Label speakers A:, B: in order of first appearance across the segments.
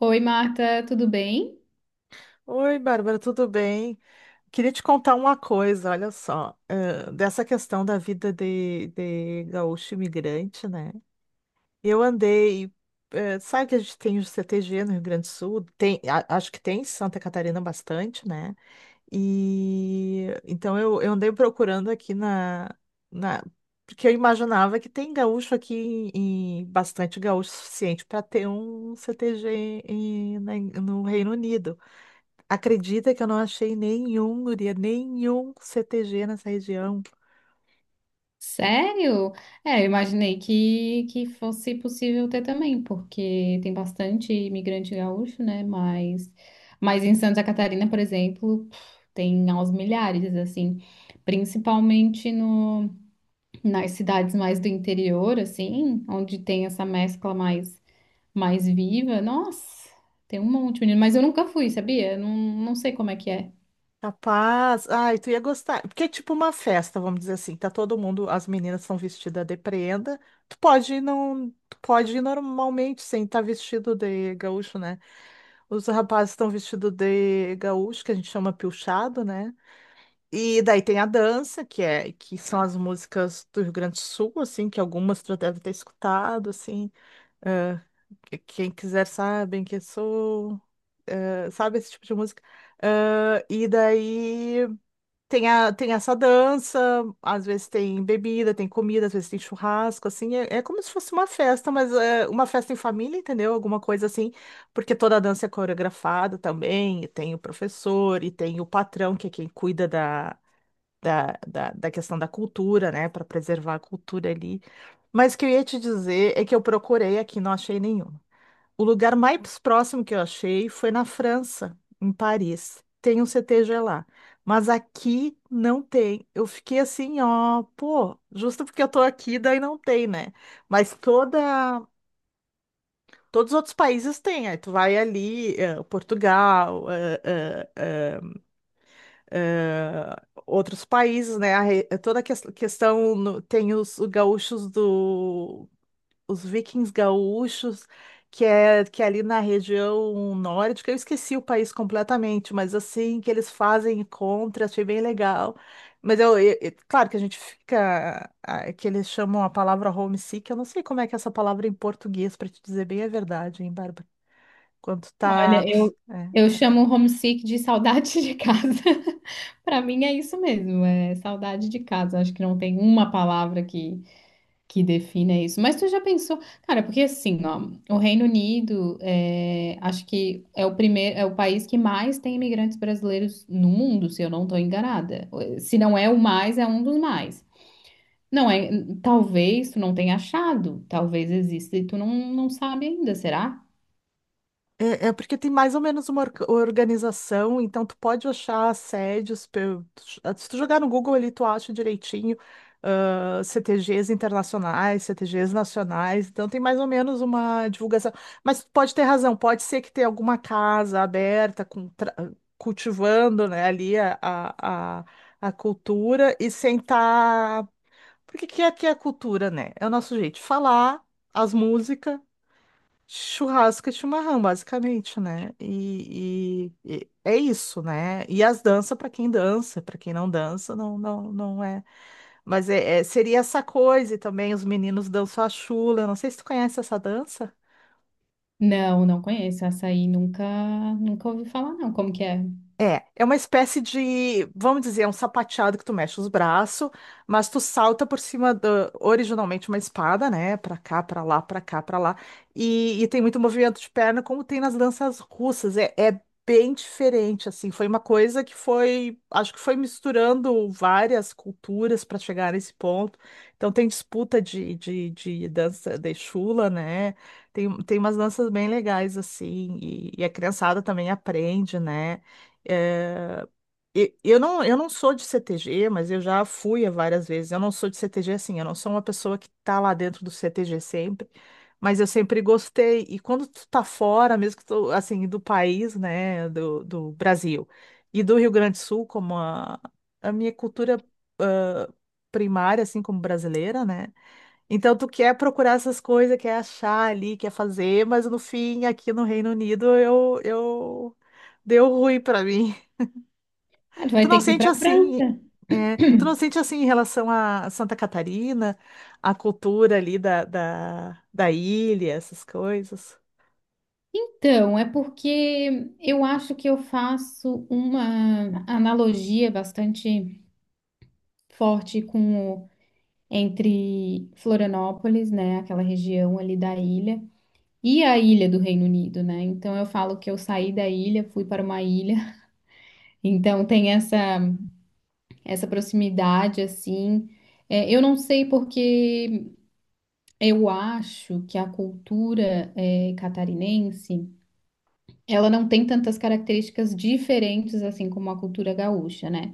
A: Oi, Marta, tudo bem?
B: Oi, Bárbara, tudo bem? Queria te contar uma coisa, olha só, dessa questão da vida de gaúcho imigrante, né? Eu andei, sabe que a gente tem o CTG no Rio Grande do Sul, tem, acho que tem em Santa Catarina bastante, né? E então eu andei procurando aqui na- porque eu imaginava que tem gaúcho aqui, bastante gaúcho suficiente para ter um CTG no Reino Unido. Acredita que eu não achei nenhum, guria, nenhum CTG nessa região.
A: Sério? É, eu imaginei que fosse possível ter também, porque tem bastante imigrante gaúcho, né? Mas em Santa Catarina, por exemplo, pff, tem aos milhares, assim, principalmente no, nas cidades mais do interior, assim, onde tem essa mescla mais viva. Nossa, tem um monte, menino, mas eu nunca fui, sabia? Não, não sei como é que é.
B: Capaz. Ai, tu ia gostar. Porque é tipo uma festa, vamos dizer assim. Tá todo mundo, as meninas são vestidas de prenda. Tu pode ir, não, tu pode ir normalmente sem estar vestido de gaúcho, né? Os rapazes estão vestidos de gaúcho, que a gente chama pilchado, né? E daí tem a dança, que é que são as músicas do Rio Grande do Sul, assim, que algumas tu deve ter escutado, assim. Quem quiser sabem que sou, sabe esse tipo de música. Ah, e daí tem, tem essa dança, às vezes tem bebida, tem comida, às vezes tem churrasco, assim, é como se fosse uma festa, mas é uma festa em família, entendeu? Alguma coisa assim, porque toda a dança é coreografada também, e tem o professor, e tem o patrão, que é quem cuida da questão da cultura, né, para preservar a cultura ali. Mas o que eu ia te dizer é que eu procurei aqui, não achei nenhuma. O lugar mais próximo que eu achei foi na França, em Paris. Tem um CTG lá. Mas aqui não tem. Eu fiquei assim, ó, pô, justo porque eu tô aqui, daí não tem, né? Mas toda, Todos os outros países têm. Aí tu vai ali, Portugal, eh, outros países, né? Toda a questão tem os gaúchos do os vikings gaúchos, que é ali na região nórdica, eu esqueci o país completamente, mas assim, que eles fazem encontros, achei bem legal. Mas eu, claro que a gente fica, que eles chamam a palavra homesick, eu não sei como é que é essa palavra em português, para te dizer bem a verdade, hein, Bárbara? Quando tá,
A: Olha, eu chamo o homesick de saudade de casa. Para mim é isso mesmo, é saudade de casa. Acho que não tem uma palavra que defina isso. Mas tu já pensou, cara, porque assim, ó, o Reino Unido é, acho que é o primeiro, é o país que mais tem imigrantes brasileiros no mundo, se eu não estou enganada. Se não é o mais, é um dos mais. Não é, talvez tu não tenha achado, talvez exista e tu não, não sabe ainda, será?
B: é porque tem mais ou menos uma organização, então tu pode achar assédios. Se tu jogar no Google ali, tu acha direitinho, CTGs internacionais, CTGs nacionais, então tem mais ou menos uma divulgação. Mas tu pode ter razão, pode ser que tenha alguma casa aberta, com cultivando, né, ali a cultura e sem estar. Porque que é a cultura, né? É o nosso jeito de falar, as músicas. Churrasco e chimarrão, basicamente, né? E é isso, né? E as danças para quem dança, para quem não dança, não, não, não é. Mas seria essa coisa e também os meninos dançam a chula. Eu não sei se tu conhece essa dança.
A: Não, não conheço. Açaí nunca, nunca ouvi falar, não. Como que é?
B: É uma espécie de, vamos dizer, é um sapateado que tu mexe os braços, mas tu salta por cima do originalmente uma espada, né? Pra cá, pra lá, pra cá, pra lá. E tem muito movimento de perna, como tem nas danças russas. É bem diferente, assim. Foi uma coisa que foi, acho que foi misturando várias culturas para chegar nesse ponto. Então tem disputa de dança de chula, né? Tem umas danças bem legais, assim. E a criançada também aprende, né? É, eu não sou de CTG, mas eu já fui a várias vezes. Eu não sou de CTG assim, eu não sou uma pessoa que tá lá dentro do CTG sempre, mas eu sempre gostei. E quando tu tá fora, mesmo que tu, assim, do país, né, do Brasil e do Rio Grande do Sul, como a minha cultura, ah, primária, assim, como brasileira, né? Então tu quer procurar essas coisas, quer achar ali, quer fazer, mas no fim, aqui no Reino Unido, deu ruim pra mim.
A: Ah, tu
B: Tu
A: vai
B: não
A: ter que ir
B: sente
A: para
B: assim,
A: França.
B: tu não sente assim em relação a Santa Catarina, a cultura ali da ilha, essas coisas?
A: Então, é porque eu acho que eu faço uma analogia bastante forte entre Florianópolis, né, aquela região ali da ilha, e a ilha do Reino Unido, né? Então eu falo que eu saí da ilha, fui para uma ilha. Então tem essa proximidade assim. É, eu não sei porque eu acho que a cultura catarinense, ela não tem tantas características diferentes assim como a cultura gaúcha, né?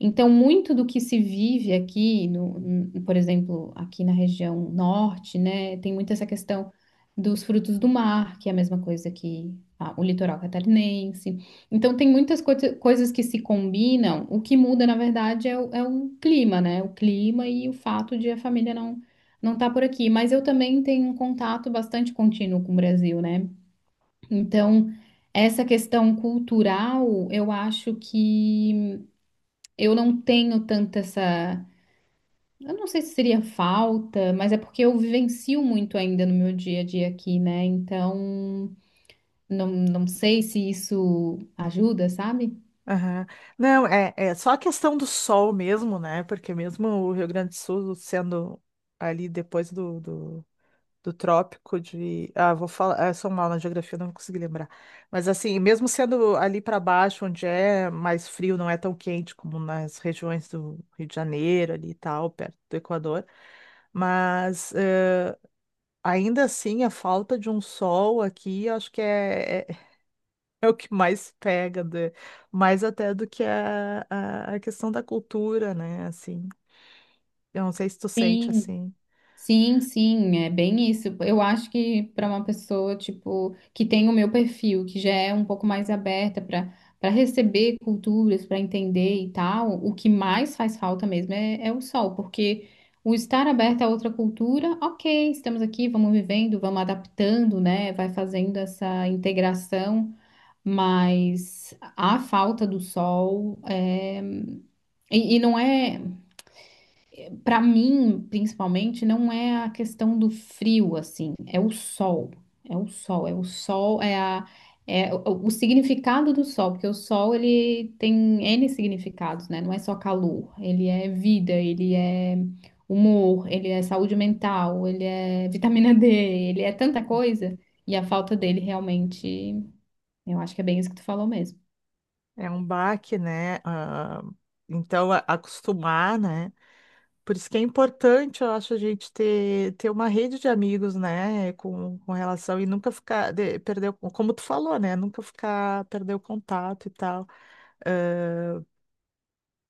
A: Então, muito do que se vive aqui, no, n- por exemplo, aqui na região norte, né, tem muito essa questão dos frutos do mar, que é a mesma coisa que o litoral catarinense. Então, tem muitas coisas que se combinam. O que muda, na verdade, é é o clima, né? O clima e o fato de a família não estar por aqui. Mas eu também tenho um contato bastante contínuo com o Brasil, né? Então, essa questão cultural, eu acho que eu não tenho tanta essa. Eu não sei se seria falta, mas é porque eu vivencio muito ainda no meu dia a dia aqui, né? Então, não, não sei se isso ajuda, sabe?
B: Aham. Não, é só a questão do sol mesmo, né? Porque mesmo o Rio Grande do Sul sendo ali depois do trópico de. Ah, vou falar. Ah, eu sou mal na geografia, não consegui lembrar. Mas assim, mesmo sendo ali para baixo, onde é mais frio, não é tão quente como nas regiões do Rio de Janeiro ali e tal, perto do Equador. Mas ainda assim, a falta de um sol aqui, eu acho que é o que mais pega, mais até do que a questão da cultura, né? Assim, eu não sei se tu sente
A: Sim,
B: assim,
A: sim, sim, é bem isso. Eu acho que para uma pessoa, tipo, que tem o meu perfil, que já é um pouco mais aberta para receber culturas, para entender e tal, o que mais faz falta mesmo é o sol, porque o estar aberto a outra cultura, ok, estamos aqui, vamos vivendo, vamos adaptando, né? Vai fazendo essa integração, mas a falta do sol é. E não é. Para mim, principalmente, não é a questão do frio, assim, é o sol. É o sol, é o sol, é a, é o significado do sol, porque o sol ele tem N significados, né? Não é só calor, ele é vida, ele é humor, ele é saúde mental, ele é vitamina D, ele é tanta coisa. E a falta dele realmente, eu acho que é bem isso que tu falou mesmo.
B: é um baque, né? Ah, então, acostumar, né? Por isso que é importante, eu acho, a gente ter uma rede de amigos, né, com relação, e nunca ficar, perder, como tu falou, né, nunca ficar, perder o contato e tal. Ah,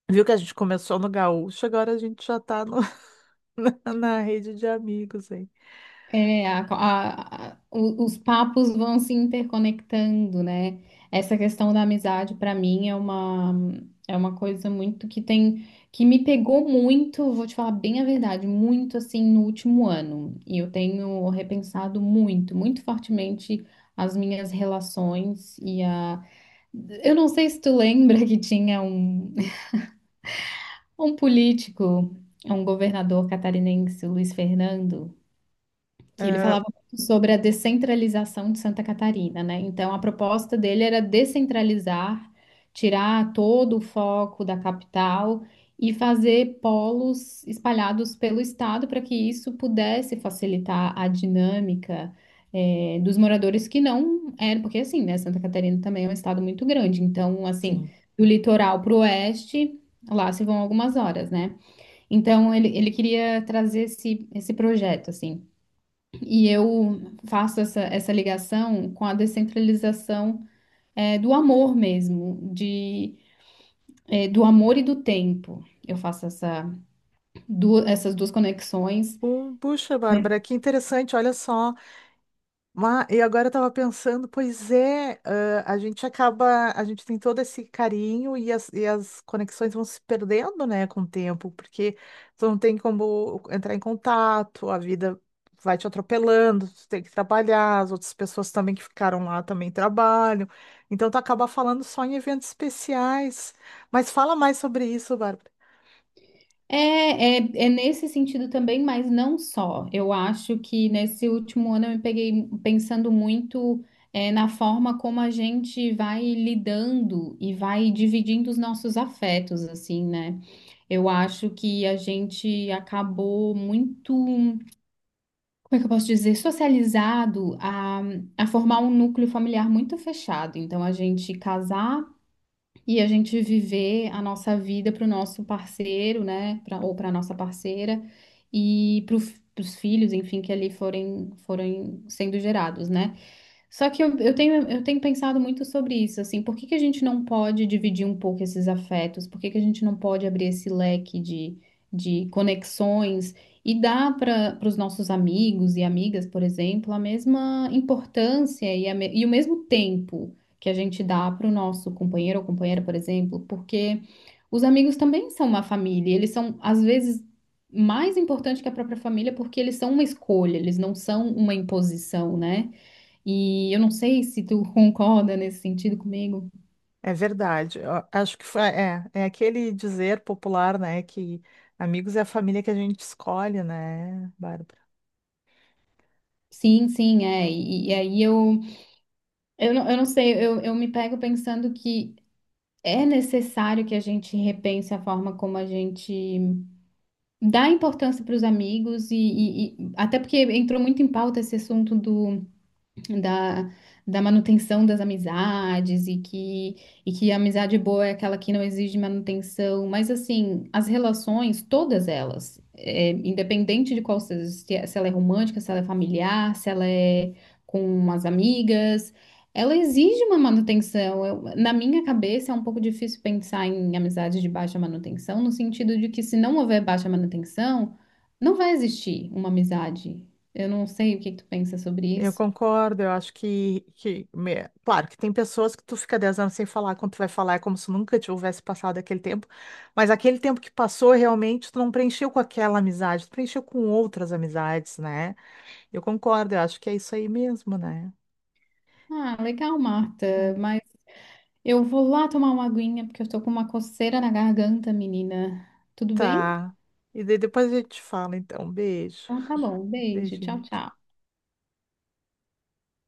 B: viu que a gente começou no Gaúcho, agora a gente já tá na rede de amigos, hein.
A: É, os papos vão se interconectando, né? Essa questão da amizade, para mim, é uma coisa muito que tem, que me pegou muito, vou te falar bem a verdade, muito assim no último ano. E eu tenho repensado muito, muito fortemente as minhas relações e a. Eu não sei se tu lembra que tinha um político, um governador catarinense, o Luiz Fernando que ele
B: Ah,
A: falava muito sobre a descentralização de Santa Catarina, né? Então, a proposta dele era descentralizar, tirar todo o foco da capital e fazer polos espalhados pelo estado para que isso pudesse facilitar a dinâmica. Dos moradores que não eram, porque assim, né, Santa Catarina também é um estado muito grande, então, assim,
B: sim.
A: do litoral para o oeste, lá se vão algumas horas, né? Então, ele queria trazer esse projeto, assim. E eu faço essa ligação com a descentralização é, do amor mesmo, de, é, do amor e do tempo. Eu faço essa, essas duas conexões.
B: Puxa, Bárbara, que interessante, olha só. E agora eu tava pensando, pois é, a gente acaba, a gente tem todo esse carinho e e as conexões vão se perdendo, né, com o tempo, porque tu não tem como entrar em contato, a vida vai te atropelando, tu tem que trabalhar, as outras pessoas também que ficaram lá também trabalham, então tu acaba falando só em eventos especiais, mas fala mais sobre isso, Bárbara.
A: É, é, é nesse sentido também, mas não só. Eu acho que nesse último ano eu me peguei pensando muito na forma como a gente vai lidando e vai dividindo os nossos afetos, assim, né? Eu acho que a gente acabou muito. Como é que eu posso dizer, socializado a formar um núcleo familiar muito fechado. Então, a gente casar e a gente viver a nossa vida para o nosso parceiro, né, pra, ou para a nossa parceira e para os filhos, enfim, que ali forem sendo gerados, né? Só que eu tenho pensado muito sobre isso, assim, por que que a gente não pode dividir um pouco esses afetos? Por que que a gente não pode abrir esse leque de conexões e dar para os nossos amigos e amigas, por exemplo, a mesma importância e o mesmo tempo que a gente dá para o nosso companheiro ou companheira, por exemplo, porque os amigos também são uma família, e eles são, às vezes, mais importantes que a própria família porque eles são uma escolha, eles não são uma imposição, né? E eu não sei se tu concorda nesse sentido comigo.
B: É verdade. Eu acho que é aquele dizer popular, né, que amigos é a família que a gente escolhe, né, Bárbara?
A: Sim, sim, é. E aí eu não sei, eu me pego pensando que é necessário que a gente repense a forma como a gente dá importância para os amigos e até porque entrou muito em pauta esse assunto do da, da manutenção das amizades e que a amizade boa é aquela que não exige manutenção, mas assim, as relações, todas elas, é, independente de qual seja, se ela é romântica, se ela é familiar, se ela é com as amigas, ela exige uma manutenção. Na minha cabeça é um pouco difícil pensar em amizades de baixa manutenção, no sentido de que se não houver baixa manutenção, não vai existir uma amizade. Eu não sei o que que tu pensa sobre
B: Eu
A: isso.
B: concordo, eu acho claro, que tem pessoas que tu fica 10 anos sem falar, quando tu vai falar é como se nunca tivesse passado aquele tempo, mas aquele tempo que passou, realmente, tu não preencheu com aquela amizade, tu preencheu com outras amizades, né? Eu concordo, eu acho que é isso aí mesmo, né?
A: Ah, legal, Marta.
B: É.
A: Mas eu vou lá tomar uma aguinha porque eu tô com uma coceira na garganta, menina. Tudo bem?
B: Tá. E daí depois a gente fala, então. Beijo.
A: Então tá bom. Beijo. Tchau,
B: Beijinho.
A: tchau.